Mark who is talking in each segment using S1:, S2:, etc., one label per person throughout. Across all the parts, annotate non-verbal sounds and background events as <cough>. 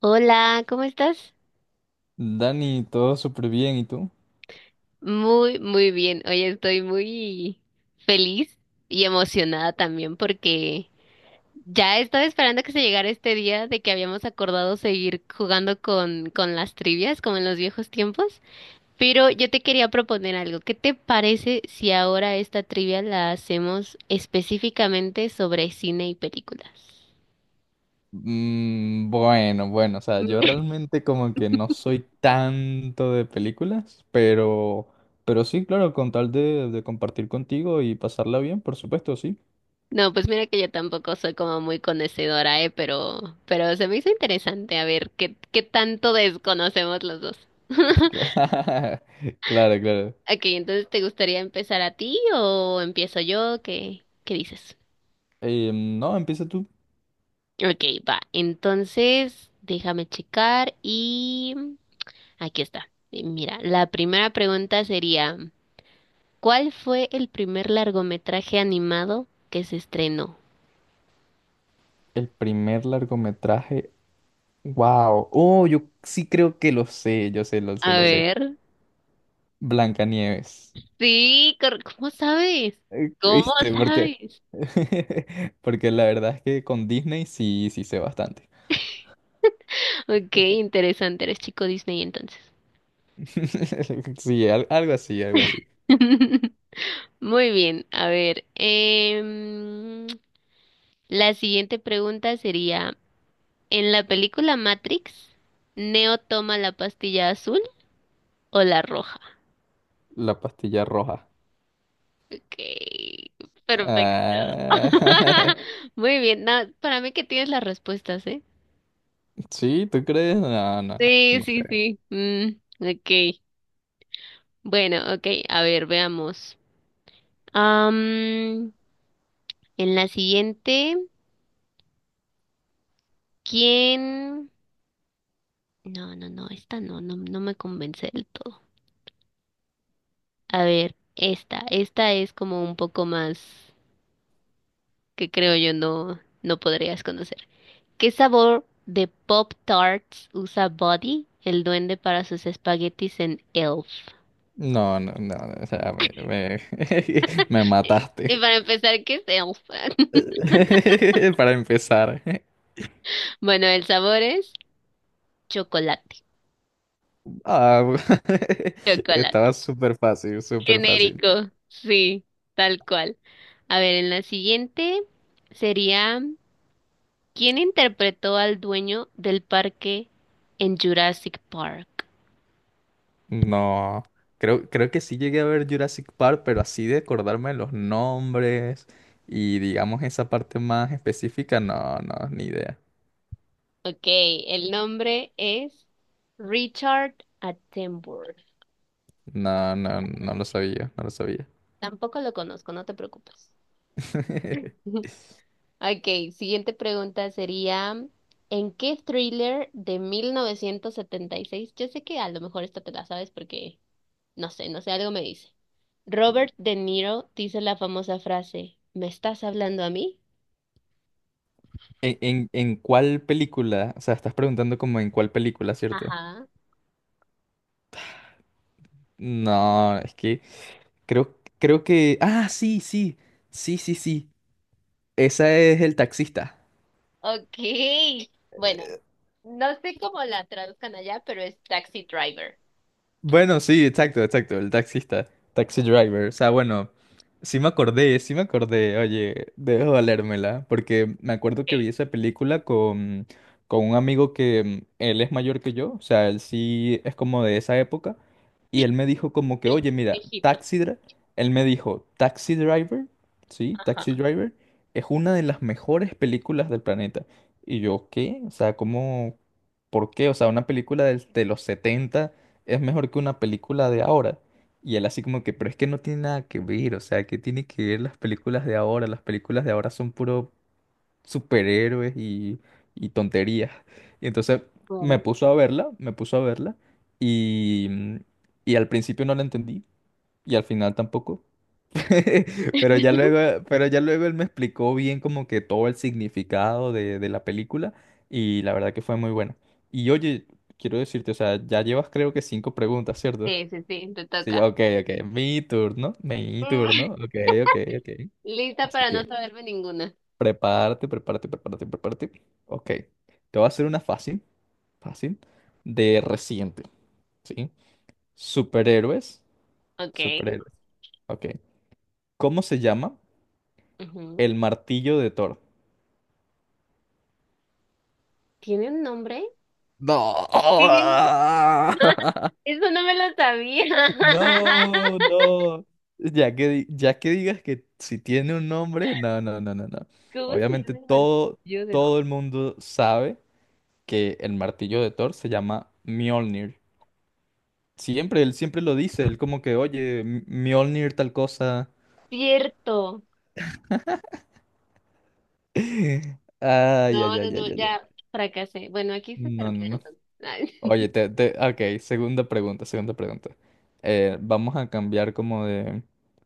S1: Hola, ¿cómo estás?
S2: Dani, todo súper bien, ¿y tú?
S1: Muy, muy bien. Hoy estoy muy feliz y emocionada también porque ya estaba esperando que se llegara este día de que habíamos acordado seguir jugando con las trivias como en los viejos tiempos. Pero yo te quería proponer algo. ¿Qué te parece si ahora esta trivia la hacemos específicamente sobre cine y películas?
S2: Mm, bueno, bueno, o sea, yo realmente como que no soy tanto de películas, pero sí, claro, con tal de compartir contigo y pasarla bien, por supuesto, sí.
S1: No, pues mira que yo tampoco soy como muy conocedora, ¿eh? Pero se me hizo interesante a ver qué tanto desconocemos los dos.
S2: <laughs> Claro, claro.
S1: Ok, entonces ¿te gustaría empezar a ti o empiezo yo? ¿ qué dices?
S2: No, empieza tú.
S1: Ok, va. Entonces, déjame checar y aquí está. Mira, la primera pregunta sería, ¿cuál fue el primer largometraje animado que se estrenó?
S2: El primer largometraje, wow. Oh, yo sí creo que lo sé, yo sé, lo sé,
S1: A
S2: lo sé.
S1: ver.
S2: Blancanieves.
S1: Sí, ¿cómo sabes? ¿Cómo
S2: ¿Viste?
S1: sabes?
S2: <laughs> Porque la verdad es que con Disney sí, sí sé bastante.
S1: Ok, interesante, eres chico Disney entonces.
S2: <laughs> Sí, algo así, algo así.
S1: <laughs> Muy bien, a ver. La siguiente pregunta sería, ¿en la película Matrix, Neo toma la pastilla azul o la roja?
S2: La pastilla roja.
S1: Ok, perfecto.
S2: Ah,
S1: <laughs> Muy bien, no, para mí que tienes las respuestas, ¿eh?
S2: <laughs> sí, ¿tú crees? No, no,
S1: Sí,
S2: no
S1: sí,
S2: sé.
S1: sí. Ok, bueno, ok, a ver, veamos. Am, en la siguiente, ¿quién? No, no, no, esta no, no me convence del todo. A ver, esta es como un poco más que creo yo no podrías conocer. ¿Qué sabor de Pop Tarts usa Buddy, el duende, para sus espaguetis en Elf?
S2: No, no, no, no, o sea, <laughs> me
S1: Y
S2: mataste.
S1: para empezar, ¿qué es Elf? <laughs>
S2: <laughs> Para empezar.
S1: Bueno, el sabor es chocolate.
S2: Ah, <laughs>
S1: Chocolate.
S2: estaba súper fácil, súper fácil.
S1: Genérico. Sí, tal cual. A ver, en la siguiente sería. ¿Quién interpretó al dueño del parque en Jurassic Park?
S2: No, creo que sí llegué a ver Jurassic Park, pero así de acordarme de los nombres y digamos esa parte más específica, no, no, ni idea.
S1: Ok, el nombre es Richard Attenborough.
S2: No, no, no lo sabía, no lo sabía.
S1: Tampoco lo conozco, no te preocupes.
S2: <laughs>
S1: <laughs> Ok, siguiente pregunta sería, ¿en qué thriller de 1976? Yo sé que a lo mejor esta te la sabes porque, no sé, algo me dice. Robert De Niro dice la famosa frase, ¿me estás hablando a mí?
S2: ¿En cuál película? O sea, estás preguntando como en cuál película, ¿cierto?
S1: Ajá.
S2: No, es que creo que... Ah, sí, sí, sí, sí, sí. Esa es El Taxista.
S1: Ok. Bueno, no sé cómo la traduzcan allá, pero es Taxi Driver.
S2: Bueno, sí, exacto, exacto, el taxista, taxi driver. O sea, bueno, sí me acordé, oye, debo valérmela, porque me acuerdo que vi
S1: Ok,
S2: esa película con, con un amigo que él es mayor que yo, o sea, él sí es como de esa época, y él me dijo como que,
S1: el
S2: oye, mira,
S1: viejito.
S2: él me dijo, taxi driver, sí, taxi
S1: Ajá.
S2: driver, es una de las mejores películas del planeta. Y yo, ¿qué? O sea, ¿cómo? ¿Por qué? O sea, una película de los 70 es mejor que una película de ahora. Y él así como que, pero es que no tiene nada que ver, o sea, ¿que tiene que ver las películas de ahora? Las películas de ahora son puro superhéroes y tonterías. Y entonces me
S1: Claro.
S2: puso a verla, me puso a verla y, mm, y al principio no la entendí y al final tampoco. <laughs> Pero ya luego él me explicó bien como que todo el significado de la película y la verdad que fue muy buena. Y oye, quiero decirte, o sea, ya llevas creo que cinco preguntas, ¿cierto?
S1: Sí, sí, sí, te
S2: Sí,
S1: toca.
S2: ok, ok. Mi turno, mi turno.
S1: <laughs>
S2: Ok, ok, ok.
S1: Lista
S2: Así
S1: para no
S2: que
S1: saberme ninguna.
S2: prepárate, prepárate, prepárate, prepárate. Ok. Te voy a hacer una fácil, fácil, de reciente, ¿sí? Superhéroes,
S1: Ok.
S2: superhéroes. Ok. ¿Cómo se llama
S1: Ujú.
S2: el martillo de Thor?
S1: ¿Tiene un nombre?
S2: No.
S1: Sí. <laughs>
S2: <laughs>
S1: Eso no me lo sabía.
S2: No,
S1: <laughs>
S2: no. Ya que, ya que digas que si tiene un nombre, no, no, no, no, no.
S1: ¿Cómo se
S2: Obviamente
S1: llama el
S2: todo,
S1: martillo de...
S2: todo el mundo sabe que el martillo de Thor se llama Mjolnir. Siempre, él siempre lo dice, él como que, oye, Mjolnir tal cosa.
S1: Cierto.
S2: <laughs> Ay,
S1: No,
S2: ay,
S1: no,
S2: ay, ay,
S1: no,
S2: ay,
S1: ya
S2: ay.
S1: fracasé. Bueno, aquí se
S2: No, no,
S1: termina
S2: no.
S1: entonces. Ay,
S2: Oye, ok, segunda pregunta, segunda pregunta. Vamos a cambiar como de...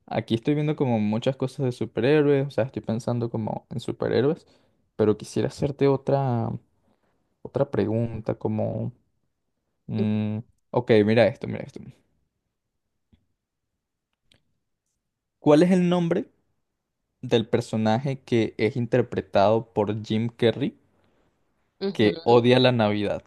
S2: Aquí estoy viendo como muchas cosas de superhéroes, o sea, estoy pensando como en superhéroes, pero quisiera hacerte otra pregunta, como... mm, ok, mira esto, mira esto. ¿Cuál es el nombre del personaje que es interpretado por Jim Carrey
S1: <laughs> Ujú.
S2: que odia la Navidad?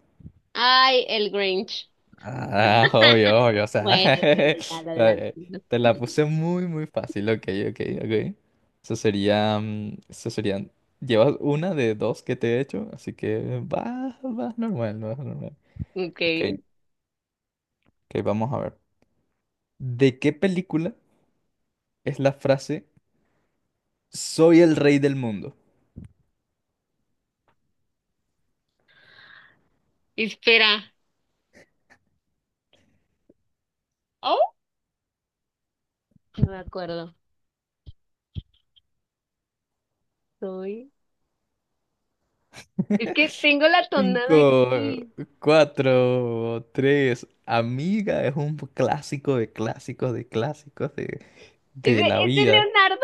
S1: Ay, el Grinch.
S2: Ah, obvio, obvio, o sea, <laughs>
S1: Bueno, bueno, ya la adelanté.
S2: te la
S1: <laughs>
S2: puse muy, muy fácil, ok, ok, ok. Eso serían, llevas una de dos que te he hecho, así que va normal, vas normal.
S1: Ok.
S2: Ok, ok, vamos a ver. ¿De qué película es la frase Soy el rey del mundo?
S1: Espera. Oh, no me acuerdo. Soy.
S2: <laughs>
S1: Es que tengo la tonada
S2: Cinco,
S1: aquí.
S2: cuatro, tres. Amiga es un clásico de clásicos de clásicos de, de la
S1: Es de
S2: vida.
S1: Leonardo?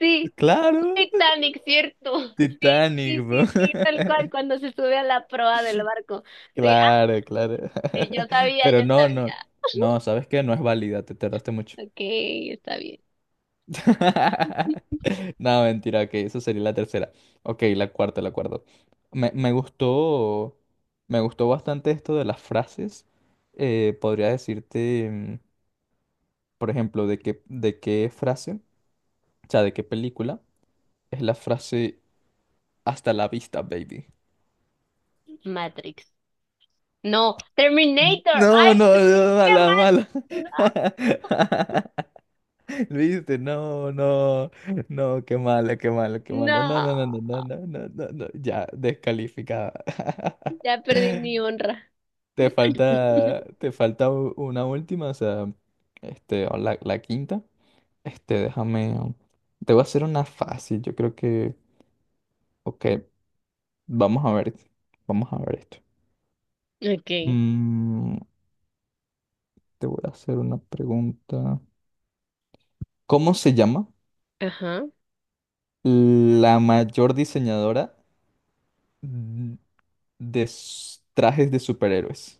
S1: Sí,
S2: Claro,
S1: Titanic, ¿cierto? <laughs>
S2: Titanic,
S1: Sí,
S2: bro.
S1: sí, sí, sí, tal cual,
S2: <laughs>
S1: cuando se sube a la proa del barco. Sí,
S2: Claro, claro.
S1: ah, yo
S2: <laughs>
S1: sabía, yo
S2: Pero no,
S1: sabía.
S2: no. No, ¿sabes qué? No es válida, te tardaste mucho.
S1: Ok, está bien.
S2: <laughs> No, mentira, ok, eso sería la tercera. Ok, la cuarta, la cuarta. Me, me gustó, me gustó bastante esto de las frases. Podría decirte, por ejemplo, de qué frase, o sea, de qué película, es la frase hasta la vista, baby.
S1: Matrix. No, Terminator. Ay,
S2: No, no,
S1: ¿por qué
S2: no,
S1: qué
S2: mala,
S1: mal?
S2: mala.
S1: No,
S2: <laughs> ¿Viste? No, no, no, qué malo, qué malo, qué malo. No,
S1: no.
S2: no, no, no, no, no, no, no, no. Ya, descalificada. <laughs>
S1: Ya perdí mi honra.
S2: Te falta,
S1: <laughs>
S2: te falta una última, o sea, este, o la quinta. Este, déjame, te voy a hacer una fácil, yo creo que, ok, vamos a ver, vamos a ver esto.
S1: Ok.
S2: Mm, te voy a hacer una pregunta. ¿Cómo se llama
S1: Ajá.
S2: la mayor diseñadora de trajes de superhéroes?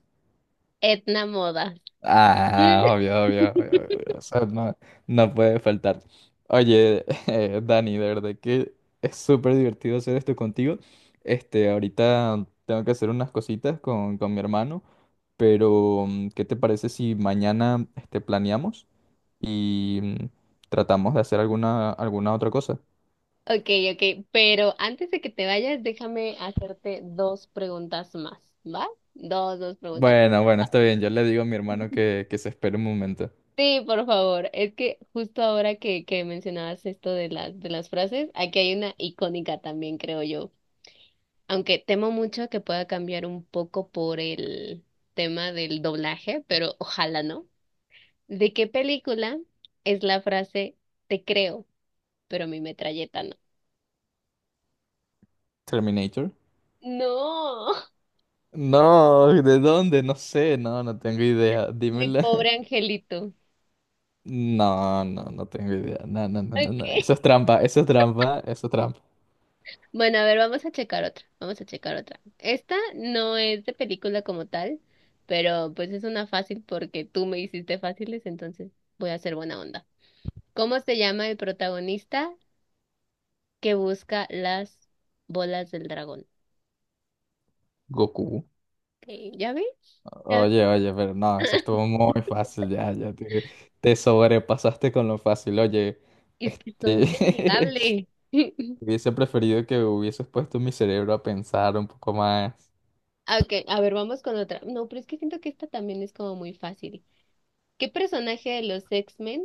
S1: Etna Moda.
S2: Ah, obvio, obvio, obvio, obvio, o sea, no, no puede faltar. Oye, <laughs> Dani, de verdad que es súper divertido hacer esto contigo. Este, ahorita tengo que hacer unas cositas con, con mi hermano, pero ¿qué te parece si mañana este, planeamos y tratamos de hacer alguna otra cosa?
S1: Ok, ok, pero antes de que te vayas, déjame hacerte dos preguntas más, ¿va? Dos, dos preguntas.
S2: Bueno, bueno, está bien, yo le digo a mi hermano
S1: <laughs>
S2: que se espere un momento.
S1: Sí, por favor. Es que justo ahora que mencionabas esto de de las frases, aquí hay una icónica también, creo yo. Aunque temo mucho que pueda cambiar un poco por el tema del doblaje, pero ojalá no. ¿De qué película es la frase te creo, pero mi metralleta no?
S2: Terminator.
S1: No,
S2: No, ¿de dónde? No sé, no, no tengo idea.
S1: <laughs> mi
S2: Dímela.
S1: pobre
S2: <laughs>
S1: angelito.
S2: No, no, no tengo idea. No, no, no, no,
S1: Ok.
S2: no. Eso es trampa, eso es trampa, eso es trampa.
S1: Bueno, a ver, vamos a checar otra, vamos a checar otra. Esta no es de película como tal, pero pues es una fácil porque tú me hiciste fáciles, entonces voy a hacer buena onda. ¿Cómo se llama el protagonista que busca las bolas del dragón?
S2: Goku.
S1: Ok, ¿ya ves? ¿Ya ves?
S2: Oye, oye, pero no, eso estuvo muy fácil, ya, ya te sobrepasaste con lo fácil. Oye,
S1: Es que soy muy
S2: este,
S1: amigable.
S2: <laughs>
S1: <laughs>
S2: hubiese preferido que hubieses puesto mi cerebro a pensar un poco más.
S1: Okay, a ver, vamos con otra. No, pero es que siento que esta también es como muy fácil. ¿Qué personaje de los X-Men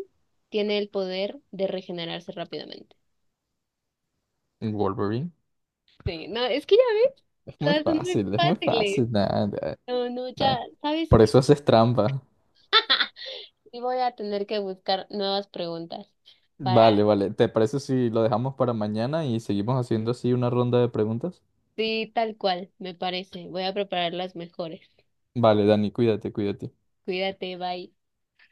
S1: tiene el poder de regenerarse rápidamente?
S2: Wolverine.
S1: Sí, no, es que ya ves,
S2: Es muy
S1: todas son muy
S2: fácil, es muy fácil.
S1: fáciles.
S2: Nah, nah,
S1: No, no,
S2: nah.
S1: ya, ¿sabes
S2: Por
S1: qué?
S2: eso haces trampa.
S1: <laughs> ¡Ja! Y voy a tener que buscar nuevas preguntas para...
S2: Vale, vale. ¿Te parece si lo dejamos para mañana y seguimos haciendo así una ronda de preguntas?
S1: Sí, tal cual, me parece. Voy a preparar las mejores.
S2: Vale, Dani, cuídate, cuídate.
S1: Cuídate, bye.